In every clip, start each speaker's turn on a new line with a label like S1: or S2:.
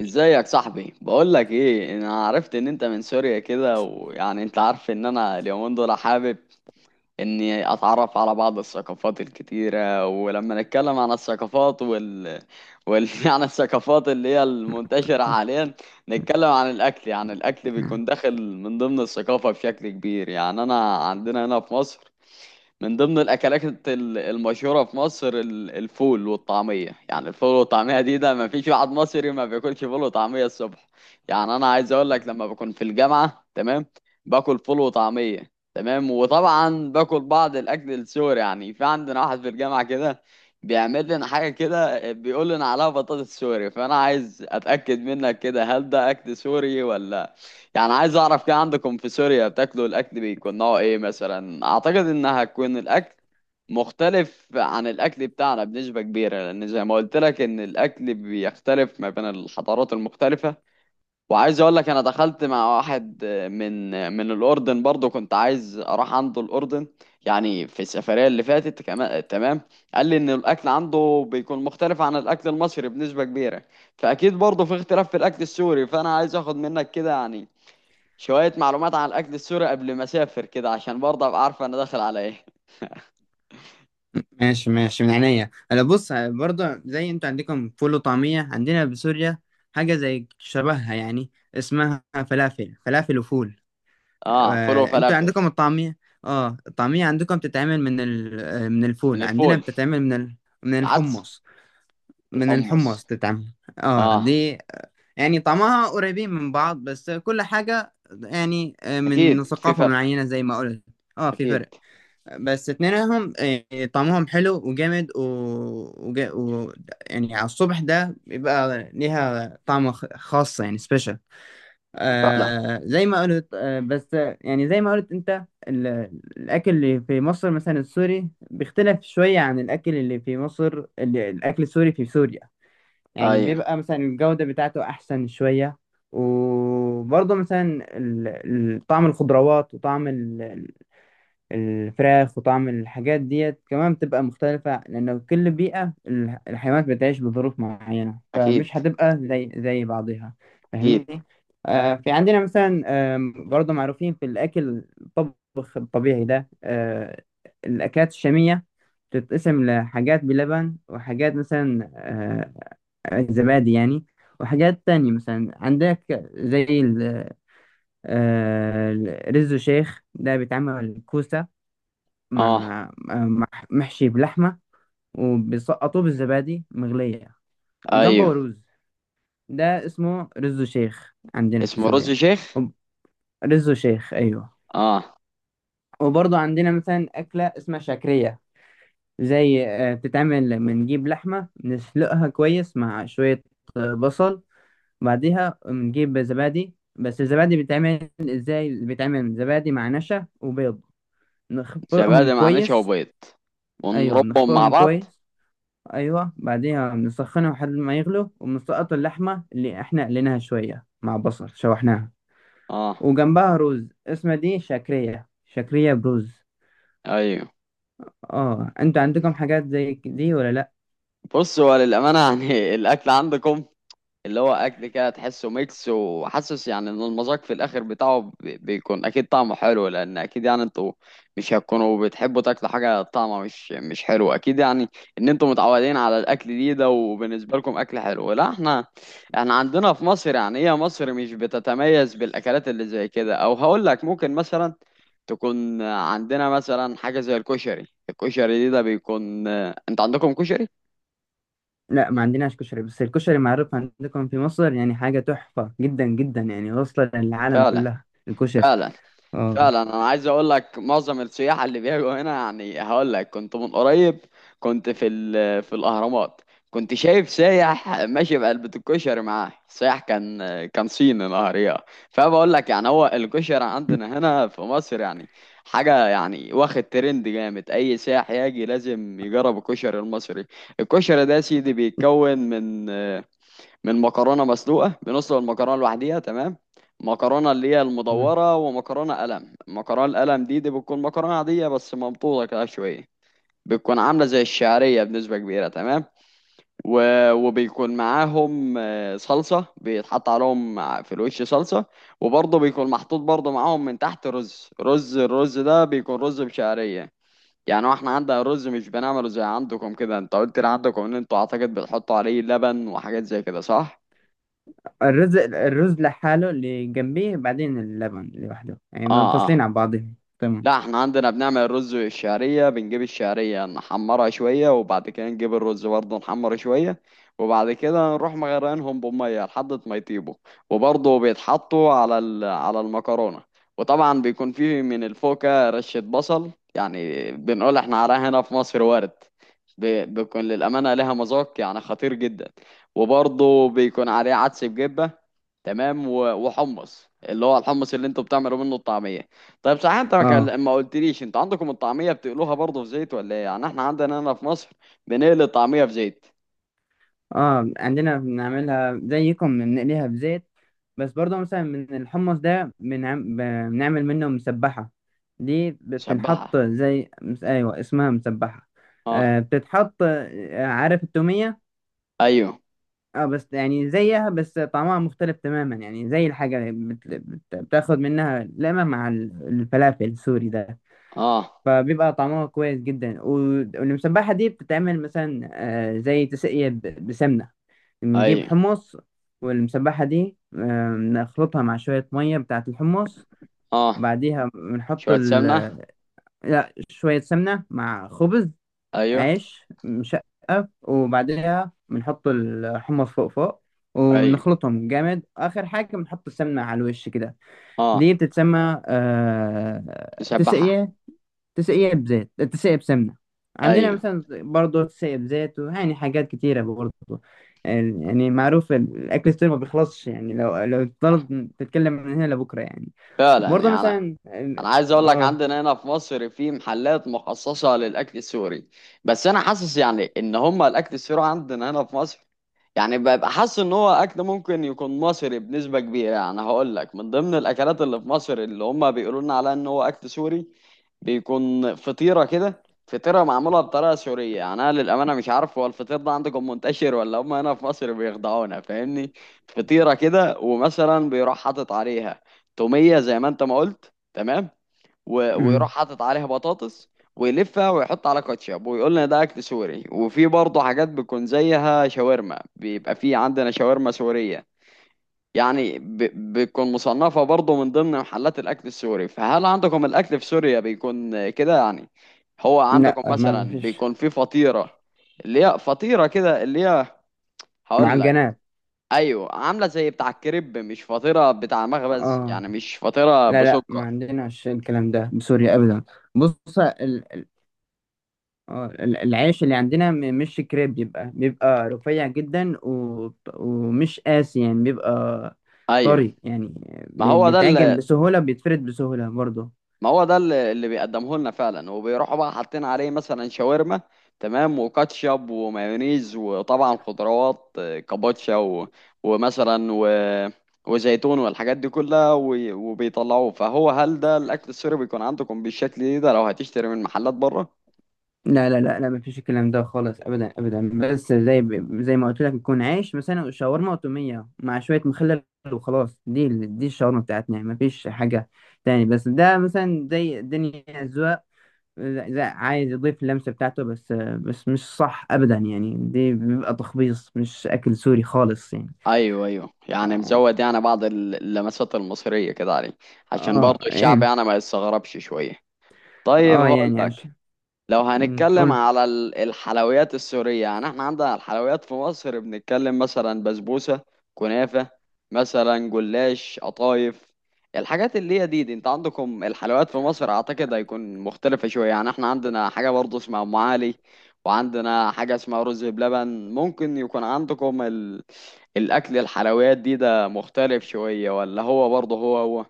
S1: ازيك صاحبي؟ بقول لك ايه، انا عرفت ان انت من سوريا كده، ويعني انت عارف ان انا اليومين دول حابب اني اتعرف على بعض الثقافات الكتيرة. ولما نتكلم عن الثقافات وال يعني الثقافات اللي هي المنتشرة حاليا، نتكلم عن الاكل. يعني الاكل
S2: نعم.
S1: بيكون داخل من ضمن الثقافة بشكل كبير. يعني انا عندنا هنا في مصر، من ضمن الاكلات المشهوره في مصر، الفول والطعميه، يعني الفول والطعميه دي ده ما فيش واحد مصري ما بياكلش فول وطعميه الصبح. يعني انا عايز اقول لك،
S2: آه.
S1: لما بكون في الجامعه تمام، باكل فول وطعميه، تمام، وطبعا باكل بعض الاكل السوري. يعني في عندنا واحد في الجامعه كده، بيعمل لنا حاجه كده، بيقول لنا عليها بطاطس سوري، فانا عايز اتاكد منك كده، هل ده اكل سوري ولا؟ يعني عايز اعرف كده، عندكم في سوريا بتاكلوا الاكل بيكون نوعه ايه مثلا. اعتقد انها هتكون الاكل مختلف عن الاكل بتاعنا بنسبة كبيرة، لان زي ما قلت لك ان الاكل بيختلف ما بين الحضارات المختلفة. وعايز اقول لك انا دخلت مع واحد من من الاردن برضو، كنت عايز اروح عنده الاردن، يعني في السفرية اللي فاتت كمان، تمام. قال لي ان الاكل عنده بيكون مختلف عن الاكل المصري بنسبة كبيرة، فاكيد برضو في اختلاف في الاكل السوري. فانا عايز اخد منك كده يعني شوية معلومات عن الأكل السوري قبل ما أسافر كده، عشان برضه أبقى عارفة أنا داخل على إيه.
S2: ماشي ماشي، من عينيا. انا بص، برضه زي انتوا عندكم فول وطعمية، عندنا بسوريا حاجة زي شبهها، يعني اسمها فلافل، فلافل وفول.
S1: آه، فول
S2: انتوا
S1: وفلافل.
S2: عندكم الطعمية. اه، الطعمية عندكم بتتعمل من ال... آه، من
S1: من
S2: الفول. عندنا
S1: الفول.
S2: بتتعمل من من
S1: العدس.
S2: الحمص، من
S1: الحمص.
S2: الحمص تتعمل
S1: آه.
S2: دي. يعني طعمها قريبين من بعض، بس كل حاجة يعني من
S1: أكيد في
S2: ثقافة
S1: فرق.
S2: معينة زي ما قلت. اه في
S1: أكيد.
S2: فرق، بس اتنينهم طعمهم حلو وجامد. وج... و... يعني على الصبح ده بيبقى ليها طعم خاص، يعني سبيشال.
S1: فعلا.
S2: زي ما قلت، آه بس آه، يعني زي ما قلت انت الاكل اللي في مصر مثلا السوري بيختلف شوية عن الاكل اللي في مصر، الاكل السوري في سوريا، يعني
S1: أيوه.
S2: بيبقى مثلا الجودة بتاعته احسن شوية. وبرضه مثلا طعم الخضروات وطعم الفراخ وطعم الحاجات ديت كمان بتبقى مختلفة، لأن كل بيئة الحيوانات بتعيش بظروف معينة،
S1: أكيد.
S2: فمش هتبقى زي بعضها.
S1: أكيد.
S2: فاهمني؟ آه، في عندنا مثلا برضه معروفين في الأكل، الطبخ الطبيعي ده. الأكلات الشامية بتتقسم لحاجات بلبن، وحاجات مثلا زبادي يعني. وحاجات تانية مثلا عندك زي آه، رز شيخ. ده بيتعمل كوسة
S1: آه.
S2: مع محشي بلحمة، وبيسقطوه بالزبادي مغلية،
S1: أيوه،
S2: جنبه رز. ده اسمه رز شيخ عندنا في
S1: اسمه رز
S2: سوريا.
S1: شيخ.
S2: وب- رز شيخ، أيوه.
S1: آه،
S2: وبرضه عندنا مثلا أكلة اسمها شعكرية. زي بتتعمل، بنجيب لحمة نسلقها كويس مع شوية بصل. بعديها بنجيب زبادي. بس الزبادي بيتعمل ازاي؟ بيتعمل زبادي مع نشا وبيض، نخفقهم
S1: زبادي مع نشا
S2: كويس.
S1: وبيض
S2: ايوه،
S1: ونربهم مع
S2: بنخفقهم
S1: بعض.
S2: كويس. ايوه، بعدين بنسخنه لحد ما يغلو، وبنسقط اللحمه اللي احنا قليناها شويه مع بصل شوحناها،
S1: آه.
S2: وجنبها رز. اسمها دي شكريه، شكريه بروز.
S1: أيوه.
S2: اه، انتوا عندكم حاجات زي دي ولا لا؟
S1: بصوا، هو للأمانة يعني الأكل عندكم، اللي هو اكل كده تحسه ميكس، وحاسس يعني ان المذاق في الاخر بتاعه بيكون اكيد طعمه حلو، لان اكيد، يعني انتوا مش هتكونوا بتحبوا تاكلوا حاجه طعمها مش حلو، اكيد. يعني ان انتوا متعودين على الاكل دي ده وبالنسبه لكم اكل حلو. لا، احنا عندنا في مصر يعني، هي مصر مش بتتميز بالاكلات اللي زي كده، او هقول لك ممكن مثلا تكون عندنا مثلا حاجه زي الكشري. الكشري دي ده بيكون، انت عندكم كشري؟
S2: لا، ما عندناش كشري، بس الكشري معروف عندكم في مصر، يعني حاجه تحفه جدا جدا، يعني واصله للعالم
S1: فعلا.
S2: كلها الكشري.
S1: فعلا.
S2: اه.
S1: فعلا، انا عايز اقول لك معظم السياح اللي بيجوا هنا. يعني هقول لك كنت من قريب، كنت في في الاهرامات، كنت شايف سايح ماشي بعلبة الكشري معاه. سايح كان صيني نهارية. فبقول لك يعني هو الكشري عندنا هنا في مصر يعني حاجة، يعني واخد ترند جامد. أي سايح يجي لازم يجرب الكشري المصري. الكشري ده يا سيدي بيتكون من مكرونه مسلوقه. بنسلق المكرونه لوحديها، تمام. مكرونه اللي هي
S2: تمام.
S1: المدوره، ومكرونه قلم. المكرونه القلم دي بتكون مكرونه عاديه بس مبطوطه كده شويه. بتكون عامله زي الشعريه بنسبه كبيره، تمام، و... وبيكون معاهم صلصه بيتحط عليهم في الوش صلصه. وبرضه بيكون محطوط برضه معاهم من تحت رز، الرز ده بيكون رز بشعريه. يعني هو احنا عندنا الرز مش بنعمله زي عندكم كده. انت قلت لي عندكم ان انتوا اعتقد بتحطوا عليه لبن وحاجات زي كده، صح؟
S2: الرز لحاله، اللي جنبيه بعدين اللبن لوحده، يعني
S1: اه، اه.
S2: منفصلين عن بعضهم. تمام.
S1: لا، احنا عندنا بنعمل الرز والشعرية. بنجيب الشعرية نحمرها شوية، وبعد كده نجيب الرز برضه نحمره شوية، وبعد كده نروح مغرقينهم بمية لحد ما يطيبوا. وبرضه بيتحطوا على المكرونة. وطبعا بيكون فيه من الفوكة رشة بصل، يعني بنقول احنا عليها هنا في مصر ورد. بيكون للأمانة لها مذاق يعني خطير جدا. وبرضه بيكون عليه عدس بجبة، تمام، وحمص اللي هو الحمص اللي انتوا بتعملوا منه الطعمية. طيب، صحيح انت
S2: اه
S1: ما قلتليش انتوا عندكم الطعميه بتقلوها برضه في زيت ولا ايه؟ يعني احنا عندنا هنا في مصر بنقلي الطعميه في زيت.
S2: اه، عندنا بنعملها زيكم، بنقليها في زيت. بس برضه مثلا من الحمص ده بنعمل منه مسبحة. دي
S1: نشبعها.
S2: بتنحط زي ايوه، اسمها مسبحة.
S1: اه.
S2: بتتحط. عارف التومية؟
S1: ايوه.
S2: اه، بس يعني زيها، بس طعمها مختلف تماما. يعني زي الحاجة، بتاخد منها لقمة مع الفلافل السوري ده،
S1: اه.
S2: فبيبقى طعمها كويس جدا. والمسبحة دي بتتعمل مثلا زي تسقية بسمنة. نجيب
S1: ايوه.
S2: حمص، والمسبحة دي نخلطها مع شوية مية بتاعة الحمص،
S1: اه.
S2: وبعديها بنحط
S1: شويه سمنه.
S2: لا، شوية سمنة مع خبز،
S1: ايوه.
S2: عيش مشقف، وبعديها بنحط الحمص فوق فوق،
S1: ايوه.
S2: وبنخلطهم جامد. آخر حاجة بنحط السمنة على الوش كده. دي
S1: اه.
S2: بتتسمى
S1: نشبعها.
S2: تسقية. تسقية بزيت، تسقية بسمنة. عندنا
S1: ايوه.
S2: مثلا برضه تسقية بزيت، ويعني حاجات كتيرة برضه. يعني معروف الأكل السوري ما بيخلصش. يعني لو تضل تتكلم من هنا لبكرة يعني.
S1: فعلا،
S2: برضه
S1: يعني
S2: مثلا
S1: انا عايز اقول لك،
S2: اه
S1: عندنا هنا في مصر في محلات مخصصه للاكل السوري. بس انا حاسس يعني ان هم الاكل السوري عندنا هنا في مصر، يعني ببقى حاسس ان هو اكل ممكن يكون مصري بنسبه كبيره. يعني هقول لك، من ضمن الاكلات اللي في مصر اللي هم بيقولوا لنا عليها ان هو اكل سوري، بيكون فطيره كده، فطيره معموله بطريقه سوريه. يعني انا للامانه مش عارف هو الفطير ده عندكم منتشر، ولا هم هنا في مصر بيخدعونا، فاهمني. فطيره كده، ومثلا بيروح حاطط عليها توميه، زي ما انت ما قلت، تمام، ويروح
S2: أمم.
S1: حاطط عليها بطاطس، ويلفها ويحط على كاتشب، ويقول لنا ده اكل سوري. وفي برضه حاجات بتكون زيها شاورما، بيبقى في عندنا شاورما سورية، يعني بتكون مصنفة برضه من ضمن محلات الأكل السوري. فهل عندكم الأكل في سوريا بيكون كده يعني؟ هو
S2: لا،
S1: عندكم
S2: ما
S1: مثلا
S2: فيش.
S1: بيكون في فطيرة، اللي هي فطيرة كده اللي هي، هقول لك،
S2: معجنات.
S1: أيوة، عاملة زي بتاع الكريب، مش فطيرة بتاع مخبز،
S2: اه،
S1: يعني مش فطيرة
S2: لا لا، ما
S1: بسكر،
S2: عندناش الكلام ده بسوريا أبدا. بص، اه، العيش اللي عندنا، مش كريب، بيبقى رفيع جدا، و... ومش قاسي يعني، بيبقى
S1: أيوة.
S2: طري يعني،
S1: ما هو ده،
S2: بيتعجن بسهولة، بيتفرد بسهولة برضه.
S1: ما هو ده اللي بيقدمه لنا فعلا. وبيروحوا بقى حاطين عليه مثلا شاورما، تمام، وكاتشب، ومايونيز، وطبعا خضروات، كابوتشا، ومثلا، وزيتون، والحاجات دي كلها، وبيطلعوه. فهو، هل ده الاكل السوري بيكون عندكم بالشكل ده لو هتشتري من محلات بره؟
S2: لا لا لا لا، مفيش الكلام ده خالص أبدا أبدا. بس زي ما قلت لك، يكون عيش مثلا شاورما وتومية مع شوية مخلل وخلاص. دي دي الشاورما بتاعتنا، يعني مفيش حاجة تاني. بس ده مثلا زي الدنيا أذواق. لا لا، عايز يضيف اللمسة بتاعته، بس مش صح أبدا، يعني دي بيبقى تخبيص مش أكل سوري خالص يعني.
S1: ايوه، ايوه، يعني
S2: اه.
S1: مزود يعني بعض اللمسات المصريه كده عليه، عشان برضه
S2: اه،
S1: الشعب
S2: ايه.
S1: يعني ما يستغربش شويه. طيب،
S2: اه،
S1: هقول
S2: يعني
S1: لك،
S2: عشان.
S1: لو
S2: مم،
S1: هنتكلم
S2: قول.
S1: على الحلويات السورية، يعني احنا عندنا الحلويات في مصر بنتكلم مثلا بسبوسة، كنافة، مثلا جلاش، قطايف. الحاجات اللي هي دي انت عندكم الحلويات في مصر اعتقد هيكون مختلفة شوية. يعني احنا عندنا حاجة برضه اسمها ام علي، وعندنا حاجة اسمها رز بلبن. ممكن يكون عندكم الاكل الحلويات دي ده مختلف شوية، ولا هو برضه هو هو؟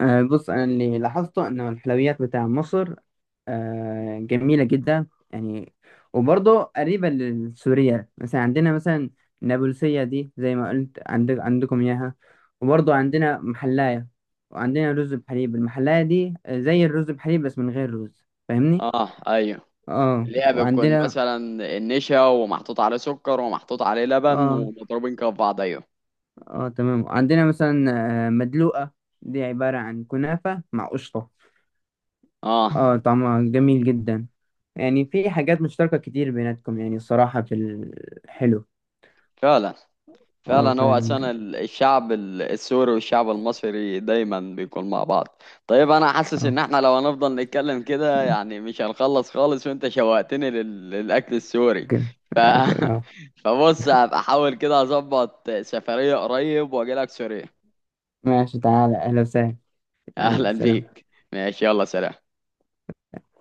S2: آه، بص، انا اللي لاحظته ان الحلويات بتاع مصر جميله جدا يعني، وبرضه قريبه للسوريه. مثلا عندنا مثلا النابلسيه دي، زي ما قلت عندك عندكم اياها. وبرضه عندنا محلايه، وعندنا رز بحليب. المحلايه دي زي الرز بحليب بس من غير رز. فاهمني؟
S1: اه، ايوه،
S2: اه،
S1: ليها بتكون
S2: وعندنا.
S1: مثلا النشا ومحطوط عليه سكر ومحطوط عليه لبن
S2: اه
S1: ومضروبين كف بعض، ايوه،
S2: اه، تمام. وعندنا مثلا مدلوقه. دي عباره عن كنافه مع قشطه.
S1: اه.
S2: اه، طعمها جميل جدا. يعني في حاجات مشتركة كتير بيناتكم، يعني الصراحة في الحلو.
S1: فعلا،
S2: اه
S1: فعلا، هو
S2: فعلا
S1: اساسا
S2: كده.
S1: الشعب السوري والشعب المصري دايما بيكون مع بعض. طيب، انا حاسس
S2: اه.
S1: ان احنا لو هنفضل نتكلم كده يعني مش هنخلص خالص، وانت شوقتني للاكل السوري
S2: كده.
S1: ف...
S2: كده، اه.
S1: فبص، هبقى احاول كده اظبط سفرية قريب واجي لك سوريا.
S2: ماشي، تعالى، اهلا وسهلا. يلا
S1: اهلا
S2: سلام.
S1: بيك، ماشي، يلا سلام.